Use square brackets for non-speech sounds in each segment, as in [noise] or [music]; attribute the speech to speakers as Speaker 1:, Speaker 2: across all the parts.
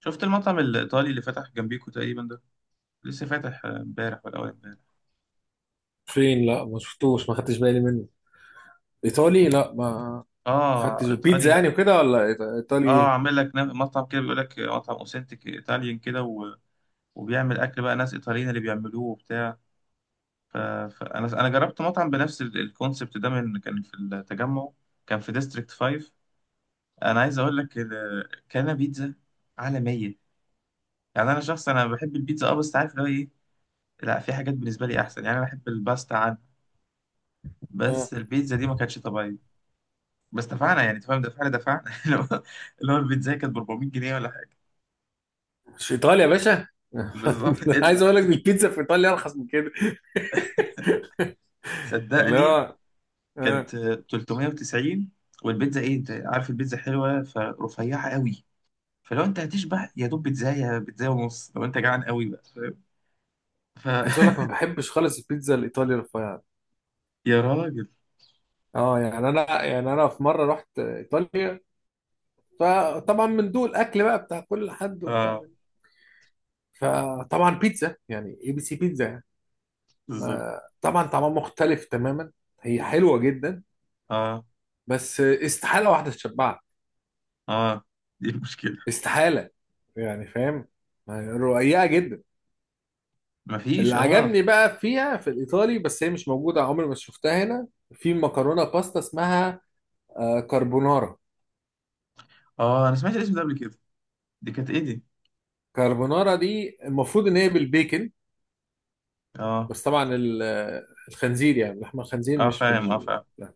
Speaker 1: شفت المطعم الإيطالي اللي فتح جنبيكو تقريبا ده، لسه فاتح. امبارح ولا أول امبارح.
Speaker 2: فين؟ لا، ما شفتوش، ما خدتش بالي منه. ايطالي؟ لا ما. ما
Speaker 1: اه،
Speaker 2: خدتش بيتزا يعني
Speaker 1: إيطاليا.
Speaker 2: وكده، ولا ايطالي،
Speaker 1: اه،
Speaker 2: ايه؟
Speaker 1: عامل لك مطعم كده، بيقول لك مطعم أوثنتيك إيطاليان كده، وبيعمل أكل بقى، ناس إيطاليين اللي بيعملوه وبتاع. فأنا جربت مطعم بنفس الكونسبت ده من كان في التجمع، كان في ديستريكت 5. أنا عايز أقول لك، كان بيتزا عالمية. يعني أنا شخص أنا بحب البيتزا، اه، بس عارف اللي هو إيه، لا، في حاجات بالنسبة لي أحسن. يعني أنا بحب الباستا عنها.
Speaker 2: آه،
Speaker 1: بس البيتزا دي ما كانتش طبيعية. بس دفعنا، يعني تفهم، دفعنا [laughs] اللي هو، البيتزا كانت ب 400 جنيه ولا حاجه.
Speaker 2: مش ايطاليا يا باشا. [laughs]
Speaker 1: بالظبط [laughs]
Speaker 2: عايز
Speaker 1: ادفع.
Speaker 2: اقول لك البيتزا في ايطاليا ارخص من كده. اللي
Speaker 1: صدقني،
Speaker 2: هو
Speaker 1: كانت
Speaker 2: آه،
Speaker 1: 390. والبيتزا ايه؟ انت عارف البيتزا حلوه، فرفيعه قوي. فلو انت هتشبع يا دوب بيتزا، يا بيتزا ونص لو انت جعان قوي، بقى فاهم؟ ف
Speaker 2: عايز اقول لك، ما
Speaker 1: [laughs]
Speaker 2: بحبش خالص البيتزا الايطالي رفيعه.
Speaker 1: يا راجل.
Speaker 2: اه، يعني انا في مره رحت ايطاليا. فطبعا من دول اكل بقى بتاع كل حد وبتاع.
Speaker 1: اه،
Speaker 2: فطبعا بيتزا يعني اي بي سي بيتزا يعني.
Speaker 1: بالظبط.
Speaker 2: طبعا طعمها مختلف تماما. هي حلوه جدا،
Speaker 1: اه،
Speaker 2: بس استحاله واحده تشبعك.
Speaker 1: اه، دي المشكله.
Speaker 2: استحالة. يعني فاهم، يعني رقيقة جدا. اللي
Speaker 1: مفيش. اه،
Speaker 2: عجبني بقى فيها في الإيطالي، بس هي مش موجودة، عمري ما شفتها هنا. في مكرونة باستا اسمها كاربونارا.
Speaker 1: اه، انا سمعت الاسم ده قبل كده. دي كانت ايه دي؟
Speaker 2: كاربونارا دي المفروض إن هي بالبيكن.
Speaker 1: اه،
Speaker 2: بس طبعا الخنزير، يعني لحم الخنزير
Speaker 1: اه
Speaker 2: مش
Speaker 1: فاهم، اه
Speaker 2: بال.
Speaker 1: فاهم.
Speaker 2: لا.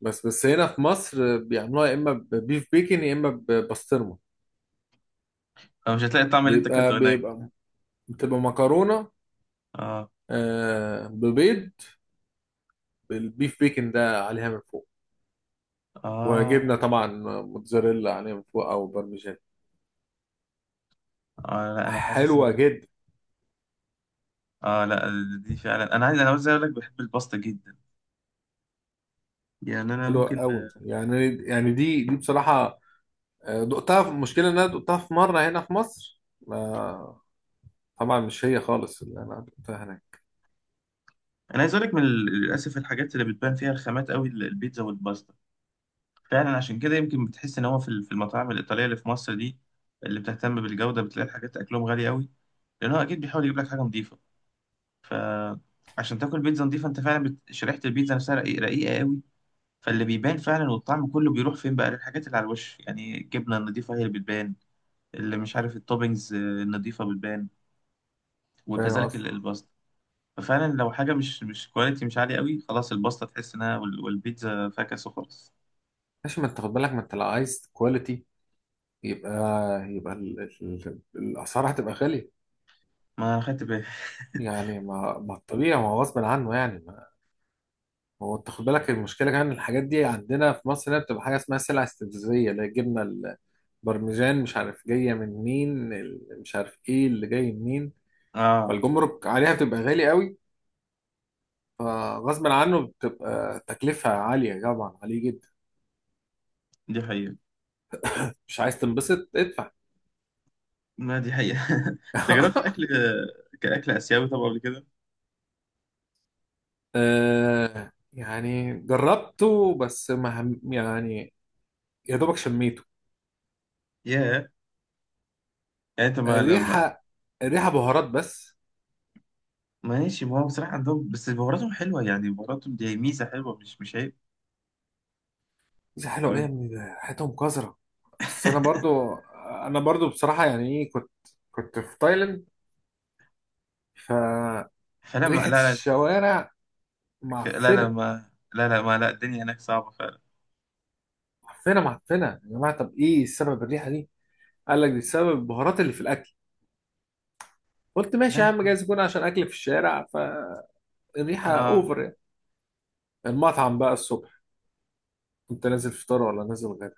Speaker 2: بس هنا في مصر بيعملوها يا إما ببيف بيكن يا إما ببسطرمة.
Speaker 1: آه، مش هتلاقي الطعم اللي انت اكلته
Speaker 2: بيبقى
Speaker 1: هناك.
Speaker 2: بيبقى بتبقى مكرونة.
Speaker 1: اه،
Speaker 2: ببيض، بالبيف بيكن ده عليها من فوق،
Speaker 1: اه،
Speaker 2: وجبنه طبعا، موتزاريلا عليها من فوق او بارميجان.
Speaker 1: اه لا، انا حاسسها.
Speaker 2: حلوه جدا.
Speaker 1: اه، لا، دي فعلا، انا عايز، انا عايز اقول لك، بحب الباستا جدا. يعني انا
Speaker 2: حلوه
Speaker 1: ممكن.
Speaker 2: قوي يعني دي بصراحه. دقتها المشكله ان انا دقتها في مره هنا في مصر. ما طبعا مش هي خالص اللي انا دقتها هناك.
Speaker 1: انا عايز اقول لك، من للاسف الحاجات اللي بتبان فيها الخامات قوي، البيتزا والباستا. فعلا عشان كده يمكن بتحس ان هو في في المطاعم الايطاليه اللي في مصر دي، اللي بتهتم بالجوده، بتلاقي الحاجات اكلهم غالي قوي، لان هو اكيد بيحاول يجيب لك حاجه نظيفه. ف عشان تاكل بيتزا نظيفه، انت فعلا شريحه البيتزا نفسها رقيقه قوي. فاللي بيبان فعلا والطعم كله بيروح فين بقى للحاجات اللي على الوش، يعني الجبنه النظيفه هي اللي بتبان، اللي مش عارف، التوبينجز، النظيفه بتبان.
Speaker 2: فاهم
Speaker 1: وكذلك
Speaker 2: قصدي؟
Speaker 1: الباستا. ففعلا لو حاجه مش كواليتي، مش عاليه قوي، خلاص الباستا تحس انها، والبيتزا فاكس وخلاص.
Speaker 2: ماشي، ما انت خد بالك، ما انت لو عايز كواليتي يبقى، الاسعار هتبقى غاليه.
Speaker 1: ما انا خدت بالي.
Speaker 2: يعني ما الطبيعي، ما هو غصب عنه يعني ما. هو انت خد بالك، المشكله كمان الحاجات دي عندنا في مصر هنا بتبقى حاجه اسمها سلع استفزازيه، اللي هي الجبنه برمجان، مش عارف جايه من مين، مش عارف ايه اللي جاي منين.
Speaker 1: اه،
Speaker 2: فالجمرك عليها بتبقى غالي قوي، فغصب عنه بتبقى تكلفه عاليه طبعا عليه جدا.
Speaker 1: دي حقيقه.
Speaker 2: مش عايز تنبسط ادفع.
Speaker 1: ما دي حقيقه [laughs] انت جربت اكل،
Speaker 2: [laughs]
Speaker 1: كاكل اسيوي طبعا، قبل كده؟
Speaker 2: آه، يعني جربته، بس ما هم- يعني يا دوبك شميته.
Speaker 1: ياه. يعني انت ما لما.
Speaker 2: الريحه الريحه بهارات بس.
Speaker 1: ماشي، ما هو بصراحه عندهم بس بهاراتهم حلوه، يعني بهاراتهم دي ميزه حلوه، مش عيب.
Speaker 2: دي حلوه ايه يا
Speaker 1: تمام
Speaker 2: ابني؟ ده ريحتهم قذره. بس انا
Speaker 1: [laughs]
Speaker 2: برضو انا برضو بصراحه، يعني ايه، كنت في تايلاند.
Speaker 1: فلا ما
Speaker 2: فريحه
Speaker 1: لا.
Speaker 2: الشوارع
Speaker 1: لا لا لا،
Speaker 2: معفنه.
Speaker 1: ما لا لا، ما لا، الدنيا هناك صعبة فعلا.
Speaker 2: معفنه معفنه يا جماعه. طب ايه السبب الريحه دي؟ قال لك دي السبب البهارات اللي في الاكل. قلت ماشي يا
Speaker 1: لا.
Speaker 2: عم، جايز يكون عشان اكل في الشارع، فالريحه
Speaker 1: اه
Speaker 2: اوفر يعني. المطعم بقى الصبح، كنت نازل فطار ولا نازل غدا،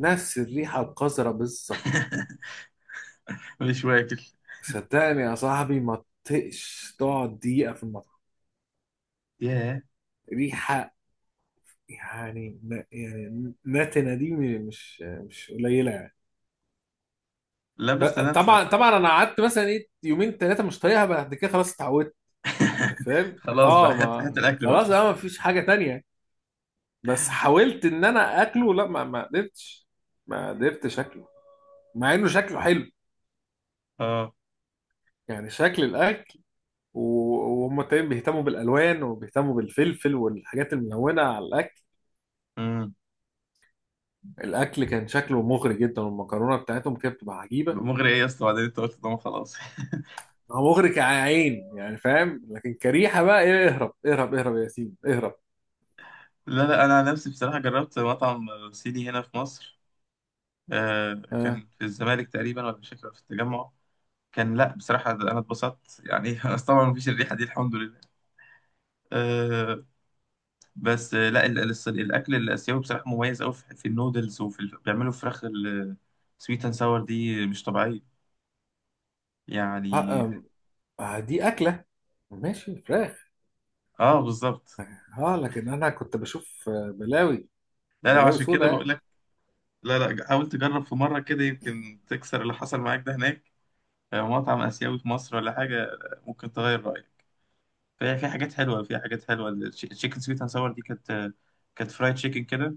Speaker 2: نفس الريحه القذره بالظبط.
Speaker 1: [laughs] مش واكل.
Speaker 2: صدقني يا صاحبي، ما تطقش تقعد دقيقه في المطعم.
Speaker 1: ياه.
Speaker 2: ريحه يعني يعني نتنه دي، مش قليله يعني.
Speaker 1: لا بس انا بس.
Speaker 2: طبعا انا قعدت مثلا ايه يومين ثلاثه مش طايقها، بعد كده خلاص اتعودت. انت فاهم،
Speaker 1: خلاص بقى،
Speaker 2: اه،
Speaker 1: هات هات
Speaker 2: ما
Speaker 1: الاكل بقى.
Speaker 2: خلاص، اه ما فيش حاجه تانية. بس حاولت ان انا اكله، لا، ما قدرتش. ما قدرتش اكله، مع انه شكله حلو،
Speaker 1: اه.
Speaker 2: يعني شكل الاكل. و- وهم تقريبا بيهتموا بالالوان وبيهتموا بالفلفل والحاجات الملونه على الاكل.
Speaker 1: امم.
Speaker 2: الاكل كان شكله مغري جدا، والمكرونه بتاعتهم كانت بتبقى عجيبه.
Speaker 1: مغري ايه يا اسطى؟ بعدين انت قلت طبعا خلاص [laughs]
Speaker 2: هو مغري كعين يعني فاهم، لكن كريحه بقى ايه، اهرب اهرب اهرب يا ياسين اهرب.
Speaker 1: لا لا، انا عن نفسي بصراحه جربت مطعم صيني هنا في مصر. آه.
Speaker 2: آه.
Speaker 1: كان في الزمالك تقريبا ولا، مش فاكر، في التجمع كان. لا، بصراحه انا اتبسطت يعني [laughs] بس طبعا مفيش الريحه دي، الحمد لله. آه، بس. آه، لا ال- الص- الاكل الاسيوي بصراحه مميز قوي، في النودلز وفي بيعملوا فراخ السويت اند ساور دي مش طبيعيه.
Speaker 2: آه.
Speaker 1: يعني.
Speaker 2: آه. آه. دي اكله، ماشي، فراخ.
Speaker 1: اه، بالظبط.
Speaker 2: اه لكن انا كنت بشوف بلاوي
Speaker 1: لا لا،
Speaker 2: بلاوي
Speaker 1: عشان
Speaker 2: سودا
Speaker 1: كده بقول
Speaker 2: يعني.
Speaker 1: لك. لا لا، حاول تجرب في مرة كده، يمكن تكسر اللي حصل معاك ده هناك. مطعم آسيوي في مصر ولا حاجة، ممكن تغير رأيك. فهي في حاجات حلوة، في حاجات حلوة. التشيكن سويت اند ساور دي كانت، كانت فرايد تشيكن كده،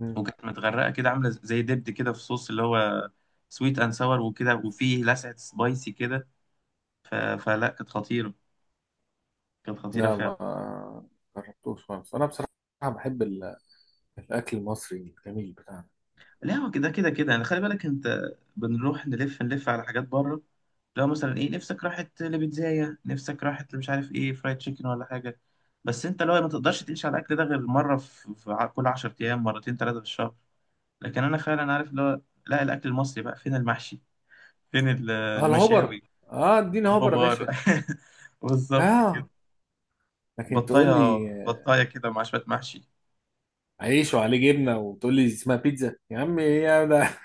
Speaker 2: مم.
Speaker 1: وكانت متغرقة كده، عاملة زي دبد كده في صوص، اللي هو سويت اند ساور، وكده، وفيه لسعة سبايسي كده. فلا كانت خطيرة، كانت خطيرة
Speaker 2: لا،
Speaker 1: فعلا.
Speaker 2: ما جربتوش خالص انا بصراحه. بحب الاكل المصري الجميل بتاعنا.
Speaker 1: لا، هو كده كده كده. يعني خلي بالك، انت بنروح نلف نلف على حاجات بره. لو مثلا ايه، نفسك راحت لبيتزاية، نفسك راحت، مش عارف ايه، فرايد تشيكن ولا حاجة. بس انت لو ما تقدرش تعيش على الاكل ده غير مرة كل 10 ايام، مرتين ثلاثة في الشهر. لكن انا فعلا عارف اللي هو، لا الاكل المصري. بقى فين المحشي؟ فين
Speaker 2: اه الهوبر،
Speaker 1: المشاوي؟
Speaker 2: اه اديني هوبر يا
Speaker 1: الخضار
Speaker 2: باشا.
Speaker 1: [laughs] بالظبط كده.
Speaker 2: اه لكن تقول
Speaker 1: بطاية
Speaker 2: لي
Speaker 1: بطاية كده مع شوية محشي
Speaker 2: عيش وعليه جبنه وتقول لي اسمها بيتزا، يا عم ايه يا ده؟ [laughs]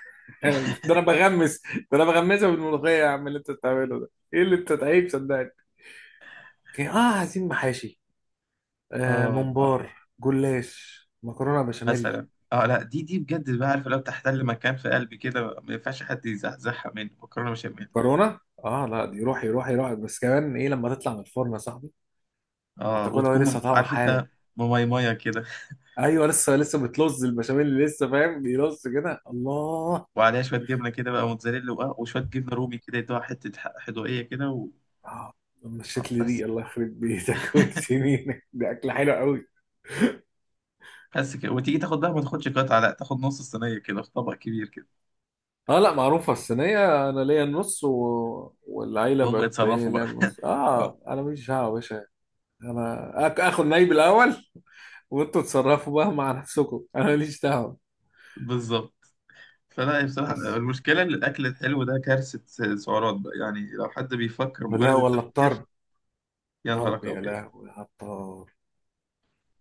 Speaker 2: ده انا
Speaker 1: [laughs]
Speaker 2: بغمس ده انا بغمسها بالملوخيه يا عم، اللي انت بتعمله ده، ايه اللي انت تعيب، صدقني. اه، عايزين محاشي، آه
Speaker 1: اه، اه،
Speaker 2: ممبار، جلاش، مكرونه بشاميل.
Speaker 1: مثلا. اه، لا، دي بجد بقى، عارف، لو تحتل مكان في قلبي كده، ما ينفعش حد يزحزحها مني، مكرونه بشاميل.
Speaker 2: كورونا، اه لا، دي روحي روحي روحي، بس كمان ايه لما تطلع من الفرن يا صاحبي،
Speaker 1: اه،
Speaker 2: وتاكلها وهي
Speaker 1: وتكون
Speaker 2: لسه طالعه
Speaker 1: عارف
Speaker 2: حالا.
Speaker 1: انت، مميمية كده،
Speaker 2: ايوه، لسه بتلص البشاميل اللي لسه فاهم بيلص كده، الله.
Speaker 1: وعليها شويه جبنه كده بقى، موتزاريلا، وآه، وشويه جبنه رومي كده، يدوها حته، حدوقيه كده،
Speaker 2: آه،
Speaker 1: آه،
Speaker 2: مشيت لي
Speaker 1: بس
Speaker 2: ريق، الله يخرب بيتك. [laughs] وانت
Speaker 1: [laughs]
Speaker 2: سنينك، دي اكله حلوه قوي.
Speaker 1: بس كده، وتيجي تاخد بقى، ما تاخدش قطعه، لا تاخد نص الصينيه كده في طبق كبير كده.
Speaker 2: اه لا معروفه، الصينيه انا ليا النص والعيله
Speaker 1: وهم
Speaker 2: بقت
Speaker 1: يتصرفوا
Speaker 2: باين ليا
Speaker 1: بقى [laughs]
Speaker 2: النص،
Speaker 1: اه،
Speaker 2: اه انا ماليش دعوه يا باشا. انا اخد نايب الاول، وانتوا تصرفوا بقى مع نفسكم، انا ماليش دعوه.
Speaker 1: بالظبط. فلا بصراحه،
Speaker 2: بس.
Speaker 1: المشكله ان الاكل الحلو ده كارثه. سعرات بقى. يعني لو حد بيفكر
Speaker 2: لا
Speaker 1: مجرد
Speaker 2: والله
Speaker 1: التفكير،
Speaker 2: الطرب،
Speaker 1: يا
Speaker 2: طرب
Speaker 1: نهارك
Speaker 2: يا
Speaker 1: ابيض.
Speaker 2: لهوي على الطرب.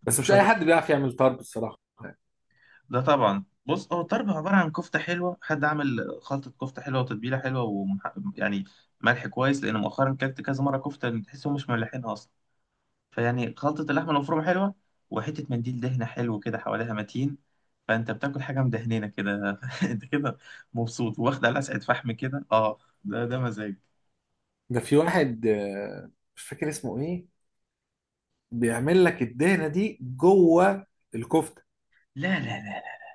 Speaker 2: بس مش اي حد بيعرف يعمل طرب الصراحه يعني.
Speaker 1: ده طبعا، بص، هو الطرب عبارة عن كفتة حلوة، حد عامل خلطة كفتة حلوة، وتتبيلة حلوة، ومح... يعني ملح كويس، لأن مؤخرا كلت كذا مرة كفتة تحسهم مش مملحينها أصلا. فيعني خلطة اللحمة المفرومة حلوة، وحتة منديل دهنة حلو كده حواليها متين، فأنت بتاكل حاجة مدهنينة كده [laughs] أنت كده مبسوط، واخد على لسعة فحم كده، أه، ده ده مزاج.
Speaker 2: ده في واحد مش فاكر اسمه ايه، بيعمل لك الدهنه دي جوه الكفته.
Speaker 1: لا لا لا لا.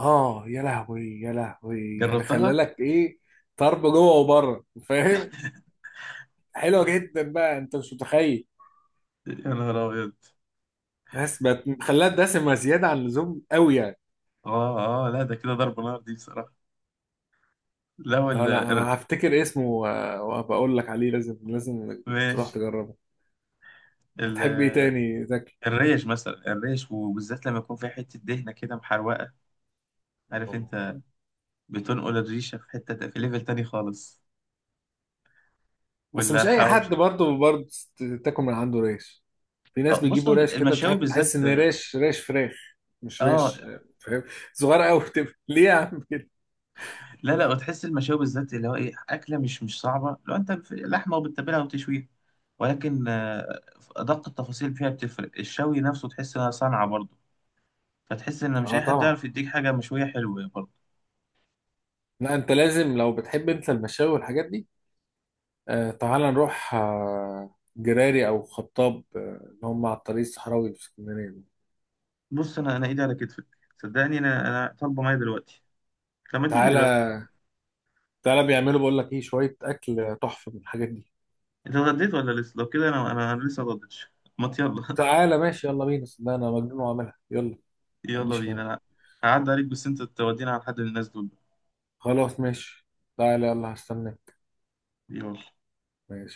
Speaker 2: اه يا لهوي يا لهوي، يعني خلى
Speaker 1: جربتها؟
Speaker 2: لك ايه، طرب جوه وبره، فاهم؟ حلوه جدا بقى، انت مش متخيل.
Speaker 1: يا نهار أبيض.
Speaker 2: بس بقت خلاها دسمه زياده عن اللزوم قوي يعني.
Speaker 1: أه أه، لا ده كده ضرب نار دي بصراحة. لا
Speaker 2: اه لا،
Speaker 1: ولا.
Speaker 2: هفتكر اسمه و- وبقول لك عليه، لازم لازم تروح
Speaker 1: ماشي.
Speaker 2: تجربه. بتحب ايه تاني زكي؟
Speaker 1: الريش مثلا، الريش وبالذات لما يكون في حتة دهنة كده محروقة، عارف
Speaker 2: اه
Speaker 1: انت، بتنقل الريشة في حتة في ليفل تاني خالص.
Speaker 2: بس
Speaker 1: ولا
Speaker 2: مش اي حد
Speaker 1: الحواوشي.
Speaker 2: برضه تاكل من عنده ريش. في ناس
Speaker 1: اه، بص هو
Speaker 2: بيجيبوا ريش كده، مش
Speaker 1: المشاوي
Speaker 2: عارف،
Speaker 1: بالذات.
Speaker 2: تحس ان ريش، ريش فراخ، مش
Speaker 1: اه،
Speaker 2: ريش، فاهم؟ صغيره قوي بتبقى. [laughs] ليه يا عم كده؟
Speaker 1: لا لا، وتحس المشاوي بالذات، اللي هو ايه، أكلة مش صعبة، لو انت في لحمة وبتتبلها وتشويها، ولكن، أدق التفاصيل فيها بتفرق، الشوي نفسه تحس انها صنعة برضه. فتحس ان مش
Speaker 2: اه
Speaker 1: اي حد
Speaker 2: طبعا.
Speaker 1: يعرف يديك حاجة مشوية حلوة برضه.
Speaker 2: لا انت لازم، لو بتحب انت المشاوي والحاجات دي، تعالى نروح، جراري او خطاب، اللي هم على الطريق الصحراوي في اسكندريه دول.
Speaker 1: بص، انا ايدي على كتفك. صدقني، انا طالبة معايا دلوقتي. لما تيجي دلوقتي،
Speaker 2: تعالى تعالى بيعملوا، بقول لك ايه، شويه اكل تحفه من الحاجات دي.
Speaker 1: انت اتغديت ولا لسه؟ لو كده، انا لسه ما اتغديتش. ما يلا
Speaker 2: تعالى، ماشي يلا بينا، صدقني انا مجنون واعملها، يلا
Speaker 1: [laughs]
Speaker 2: ما
Speaker 1: يلا
Speaker 2: عنديش
Speaker 1: بينا.
Speaker 2: مانع.
Speaker 1: انا هعدي عليك، بس انت تودينا على حد من الناس دول.
Speaker 2: خلاص ماشي، تعالى يلا هستناك.
Speaker 1: يلا.
Speaker 2: ماشي.